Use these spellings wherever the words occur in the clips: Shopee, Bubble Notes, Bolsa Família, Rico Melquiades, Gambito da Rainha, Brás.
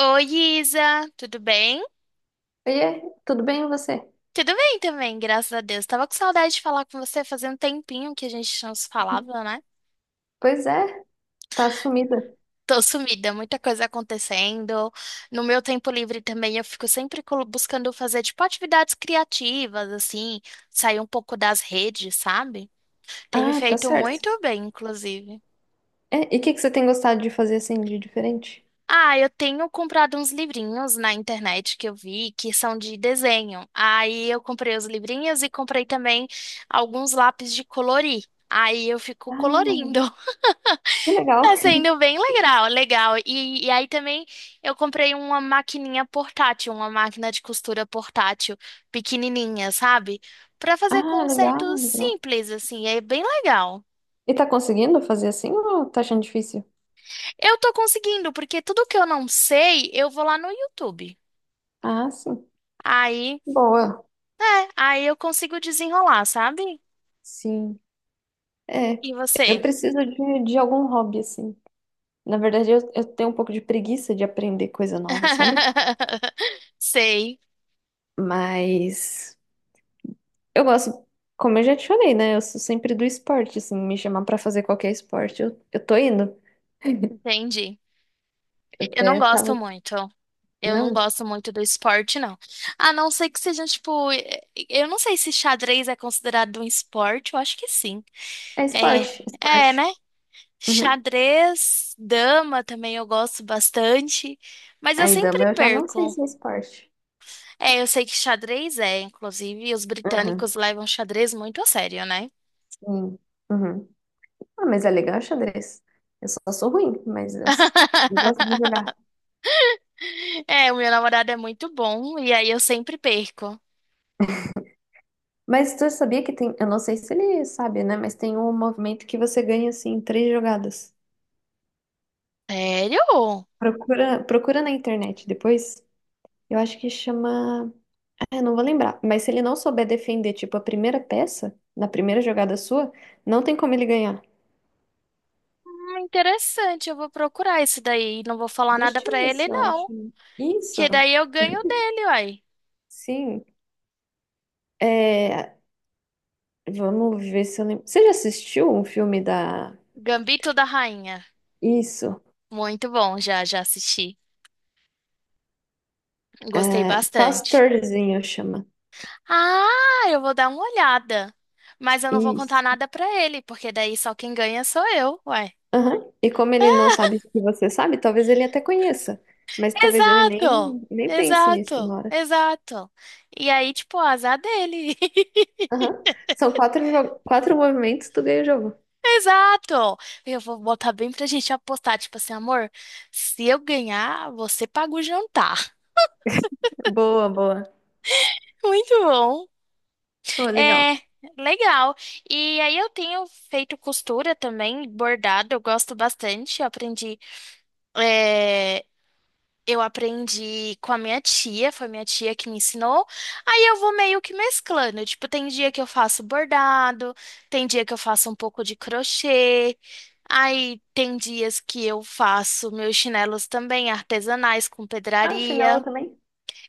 Oi, Isa, tudo bem? Oiê, tudo bem e você? Tudo bem também, graças a Deus. Tava com saudade de falar com você, fazia um tempinho que a gente não se falava, né? Pois é, tá sumida. Tô sumida, muita coisa acontecendo. No meu tempo livre também eu fico sempre buscando fazer tipo atividades criativas, assim, sair um pouco das redes, sabe? Tem me Ah, tá feito certo. muito bem, inclusive. É, e o que que você tem gostado de fazer assim de diferente? Ah, eu tenho comprado uns livrinhos na internet que eu vi que são de desenho. Aí eu comprei os livrinhos e comprei também alguns lápis de colorir. Aí eu fico Ah, colorindo. que legal. Tá sendo bem legal, legal. E aí também eu comprei uma maquininha portátil, uma máquina de costura portátil, pequenininha, sabe? Pra fazer Ah, legal, consertos legal. simples, assim, é bem legal. E tá conseguindo fazer assim ou tá achando difícil? Eu tô conseguindo, porque tudo que eu não sei, eu vou lá no YouTube. Ah, sim. Aí Boa. Aí eu consigo desenrolar, sabe? Sim. É, E eu você? preciso de algum hobby assim. Na verdade, eu tenho um pouco de preguiça de aprender coisa nova, sabe? Sei, Mas eu gosto, como eu já te falei, né? Eu sou sempre do esporte, assim, me chamar pra fazer qualquer esporte, eu tô indo. entendi. Eu Eu não até gosto tava. muito. Eu não Não, gosto muito do esporte, não. A não ser que seja, tipo, eu não sei se xadrez é considerado um esporte, eu acho que sim. é É, esporte, é, né? esporte. Uhum. Xadrez, dama também eu gosto bastante, mas eu Aí, sempre dama, eu já não sei perco. se é esporte. É, eu sei que xadrez é, inclusive, os Uhum, britânicos levam xadrez muito a sério, né? sim. Uhum. Ah, mas é legal xadrez. Eu só sou ruim, mas eu gosto de jogar. É, o meu namorado é muito bom e aí eu sempre perco. Mas tu sabia que tem. Eu não sei se ele sabe, né? Mas tem um movimento que você ganha, assim, em três jogadas. Sério? Procura, procura na internet depois. Eu acho que chama. Eu não vou lembrar. Mas se ele não souber defender, tipo, a primeira peça, na primeira jogada sua, não tem como ele ganhar. Interessante, eu vou procurar isso daí. Não vou falar nada Deixa eu pra ver ele, se eu não. acho. Isso, Que daí eu ganho dele, uai. sim. É, vamos ver se eu lembro. Você já assistiu um filme da. Gambito da Rainha. Isso. Muito bom, já, já assisti. Gostei É, bastante. Pastorzinho chama. Ah, eu vou dar uma olhada. Mas eu não vou contar Isso. nada pra ele, porque daí só quem ganha sou eu, uai. Aham. E como ele não sabe que você sabe, talvez ele até conheça. Mas talvez ele Exato! nem pense nisso na Exato! hora. Exato! E aí, tipo, o azar dele. Aham. São quatro movimentos, tu ganha o jogo. Exato! Eu vou botar bem pra gente apostar, tipo assim, amor, se eu ganhar, você paga o jantar. Boa, boa. Muito bom. Oh, legal. É, legal. E aí eu tenho feito costura também, bordado, eu gosto bastante. Eu aprendi, eh, Eu aprendi com a minha tia, foi minha tia que me ensinou. Aí eu vou meio que mesclando. Tipo, tem dia que eu faço bordado, tem dia que eu faço um pouco de crochê. Aí tem dias que eu faço meus chinelos também artesanais com Ah, chinelo pedraria. também?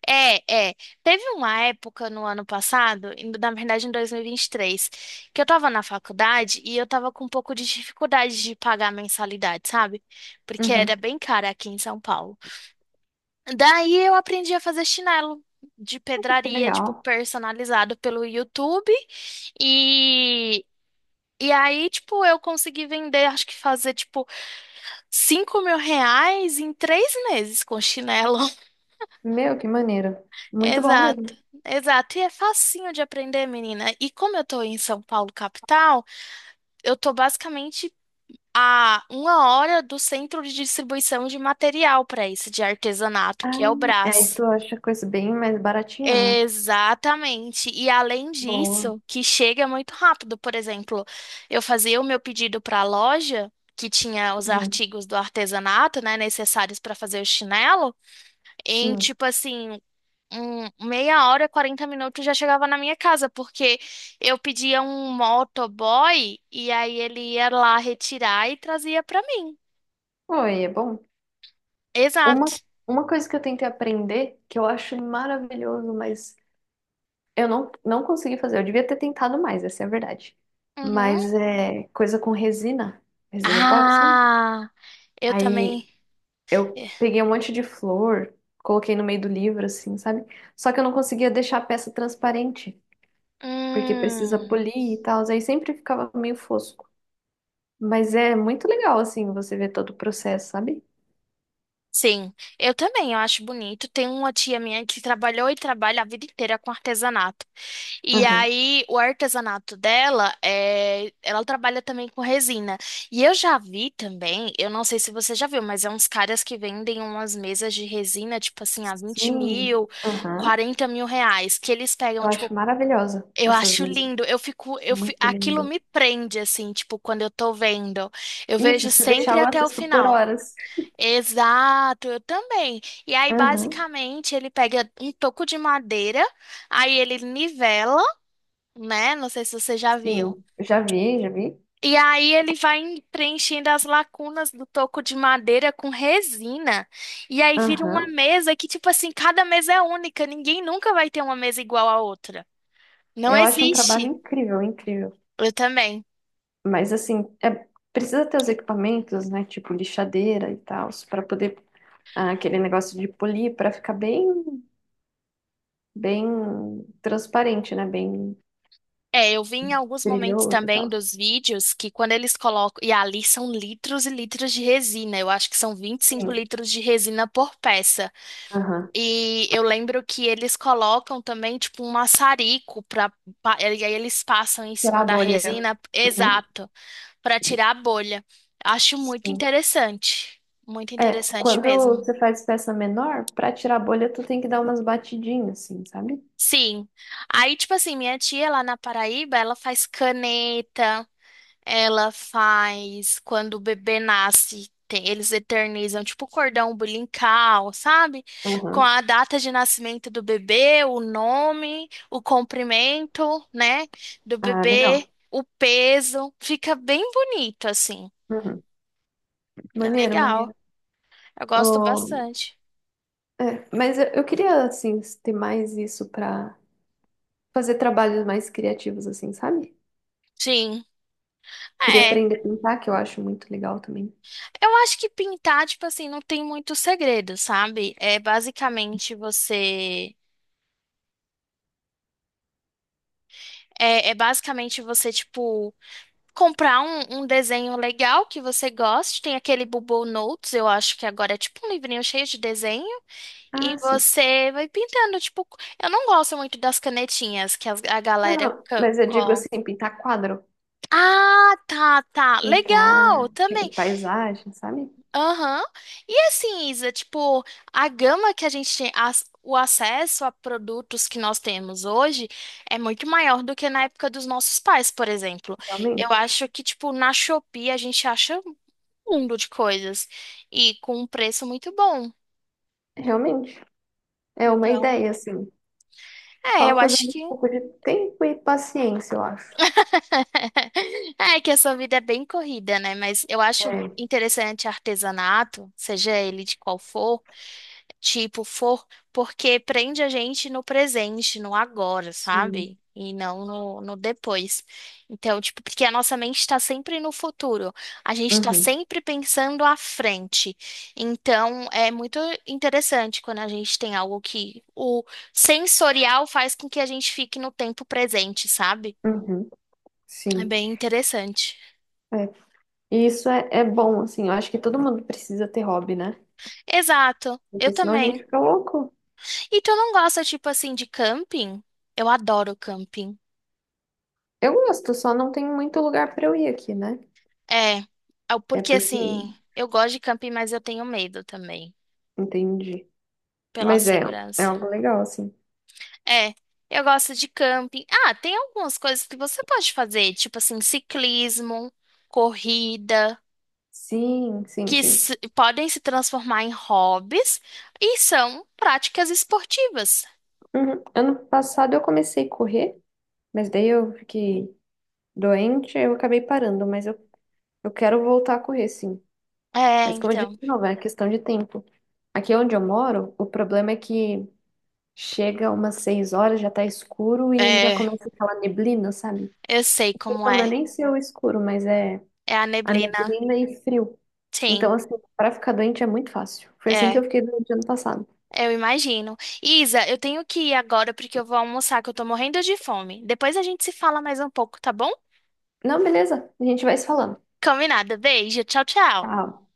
É, é. Teve uma época no ano passado, na verdade em 2023, que eu tava na faculdade e eu tava com um pouco de dificuldade de pagar a mensalidade, sabe? Porque Uhum, era bem cara aqui em São Paulo. Daí eu aprendi a fazer chinelo de que pedraria, tipo, legal. personalizado pelo YouTube. E, e aí, tipo, eu consegui vender, acho que fazer, tipo, 5 mil reais em três meses com chinelo. Meu, que maneiro. Muito bom Exato. mesmo. Exato, e é facinho de aprender, menina. E como eu tô em São Paulo, capital, eu tô basicamente a uma hora do centro de distribuição de material para isso, de artesanato, Ah, que é o aí Brás. tu acha coisa bem mais baratinha, né? Exatamente. E além Boa. disso, que chega muito rápido. Por exemplo, eu fazia o meu pedido para a loja, que tinha os Uhum. artigos do artesanato, né, necessários para fazer o chinelo, em Sim. tipo assim, meia hora, 40 minutos já chegava na minha casa, porque eu pedia um motoboy e aí ele ia lá retirar e trazia para mim. Oi, é bom. Uma, Exato. uma coisa que eu tentei aprender, que eu acho maravilhoso, mas eu não consegui fazer. Eu devia ter tentado mais, essa é a verdade. Uhum. Mas é coisa com resina, resina epóxi, sabe? Ah, eu Aí também. eu eh, peguei um monte de flor, coloquei no meio do livro, assim, sabe? Só que eu não conseguia deixar a peça transparente. Porque precisa Hum. polir e tal, aí sempre ficava meio fosco. Mas é muito legal, assim, você ver todo o processo, sabe? Sim, eu também, eu acho bonito. Tem uma tia minha que trabalhou e trabalha a vida inteira com artesanato. E Aham. aí, o artesanato dela é, ela trabalha também com resina. E eu já vi também, eu não sei se você já viu, mas é uns caras que vendem umas mesas de resina, tipo assim, a 20 Sim, mil, aham. 40 mil reais, que eles pegam, Eu tipo, acho maravilhosa eu essas acho meninas. lindo, eu fico, Muito aquilo lindo. me prende, assim, tipo, quando eu tô vendo. Eu Isso, vejo se deixar sempre eu até o assisto por final. horas. Exato, eu também. E aí, Aham. basicamente, ele pega um toco de madeira, aí ele nivela, né? Não sei se vocês já viram. Sim, já vi, já vi. E aí ele vai preenchendo as lacunas do toco de madeira com resina. E aí vira uma Aham. mesa que, tipo assim, cada mesa é única. Ninguém nunca vai ter uma mesa igual à outra. Não Eu acho um trabalho existe. incrível, incrível. Eu também. Mas assim, é, precisa ter os equipamentos, né? Tipo lixadeira e tal, para poder aquele negócio de polir para ficar bem bem transparente, né? Bem É, eu vi em alguns momentos brilhoso e também tal. dos vídeos que quando eles colocam. E ali são litros e litros de resina. Eu acho que são vinte e cinco Sim, litros de resina por peça. aham. E eu lembro que eles colocam também, tipo, um maçarico pra. E aí eles passam em Pra cima da bolha. resina, Uhum. exato, pra tirar a bolha. Acho muito Sim. interessante. Muito É, interessante quando mesmo. você faz peça menor, pra tirar a bolha, tu tem que dar umas batidinhas, assim, sabe? Sim. Aí, tipo assim, minha tia lá na Paraíba, ela faz caneta. Ela faz quando o bebê nasce, eles eternizam tipo o cordão umbilical, sabe? Com Aham. a data de nascimento do bebê, o nome, o comprimento, né, do Ah, bebê, legal. o peso, fica bem bonito assim. Uhum. É Maneiro, maneiro. legal. Eu gosto Oh, bastante. é, mas eu queria, assim, ter mais isso pra fazer trabalhos mais criativos, assim, sabe? Sim. Queria É. aprender a pintar, que eu acho muito legal também. Eu acho que pintar, tipo assim, não tem muito segredo, sabe? É basicamente você É, é basicamente você, tipo, comprar um desenho legal que você goste. Tem aquele Bubble Notes, eu acho que agora é tipo um livrinho cheio de desenho. E Ah, sim. você vai pintando, tipo. Eu não gosto muito das canetinhas que a Não, galera. não, mas eu digo assim, pintar quadro. Ah, tá, tá. Legal, Pintar, tipo, também. paisagem, sabe? Aham. E assim, Isa, tipo, a gama que a gente tem, o acesso a produtos que nós temos hoje é muito maior do que na época dos nossos pais, por exemplo. Eu Realmente. acho que, tipo, na Shopee a gente acha mundo de coisas e com um preço muito bom. Realmente. É uma Então, ideia, assim. é, eu Falta, às acho vezes, que um pouco de tempo e paciência, eu acho. é que a sua vida é bem corrida, né? Mas eu acho É, interessante artesanato, seja ele de qual for. Tipo, for porque prende a gente no presente, no agora, sim. sabe? E não no depois. Então, tipo, porque a nossa mente está sempre no futuro, a gente está Uhum, sempre pensando à frente. Então, é muito interessante quando a gente tem algo que o sensorial faz com que a gente fique no tempo presente, sabe? uhum, É sim. bem interessante. É. E isso é bom, assim. Eu acho que todo mundo precisa ter hobby, né? Exato, eu Porque senão a gente também. fica louco. E tu não gosta, tipo assim, de camping? Eu adoro camping. Eu gosto, só não tem muito lugar pra eu ir aqui, né? É, ah, É porque porque. assim, eu gosto de camping, mas eu tenho medo também, Entendi. pela Mas é segurança. algo legal, assim. É, eu gosto de camping. Ah, tem algumas coisas que você pode fazer, tipo assim, ciclismo, corrida, Sim, sim, que sim. Podem se transformar em hobbies e são práticas esportivas. Uhum. Ano passado eu comecei a correr. Mas daí eu fiquei doente, eu acabei parando, mas eu quero voltar a correr, sim. É, Mas como eu disse, então. de novo, é questão de tempo. Aqui onde eu moro, o problema é que chega umas 6 horas, já tá escuro e já É, começa aquela neblina, sabe? eu sei como Então, não é é. nem ser o escuro, mas é É a a neblina. neblina e frio. Sim, Então, assim, para ficar doente é muito fácil. Foi assim que é. eu fiquei doente ano passado. Eu imagino. Isa, eu tenho que ir agora porque eu vou almoçar, que eu tô morrendo de fome. Depois a gente se fala mais um pouco, tá bom? Não, beleza, a gente vai se falando. Combinado. Beijo. Tchau, tchau. Tchau.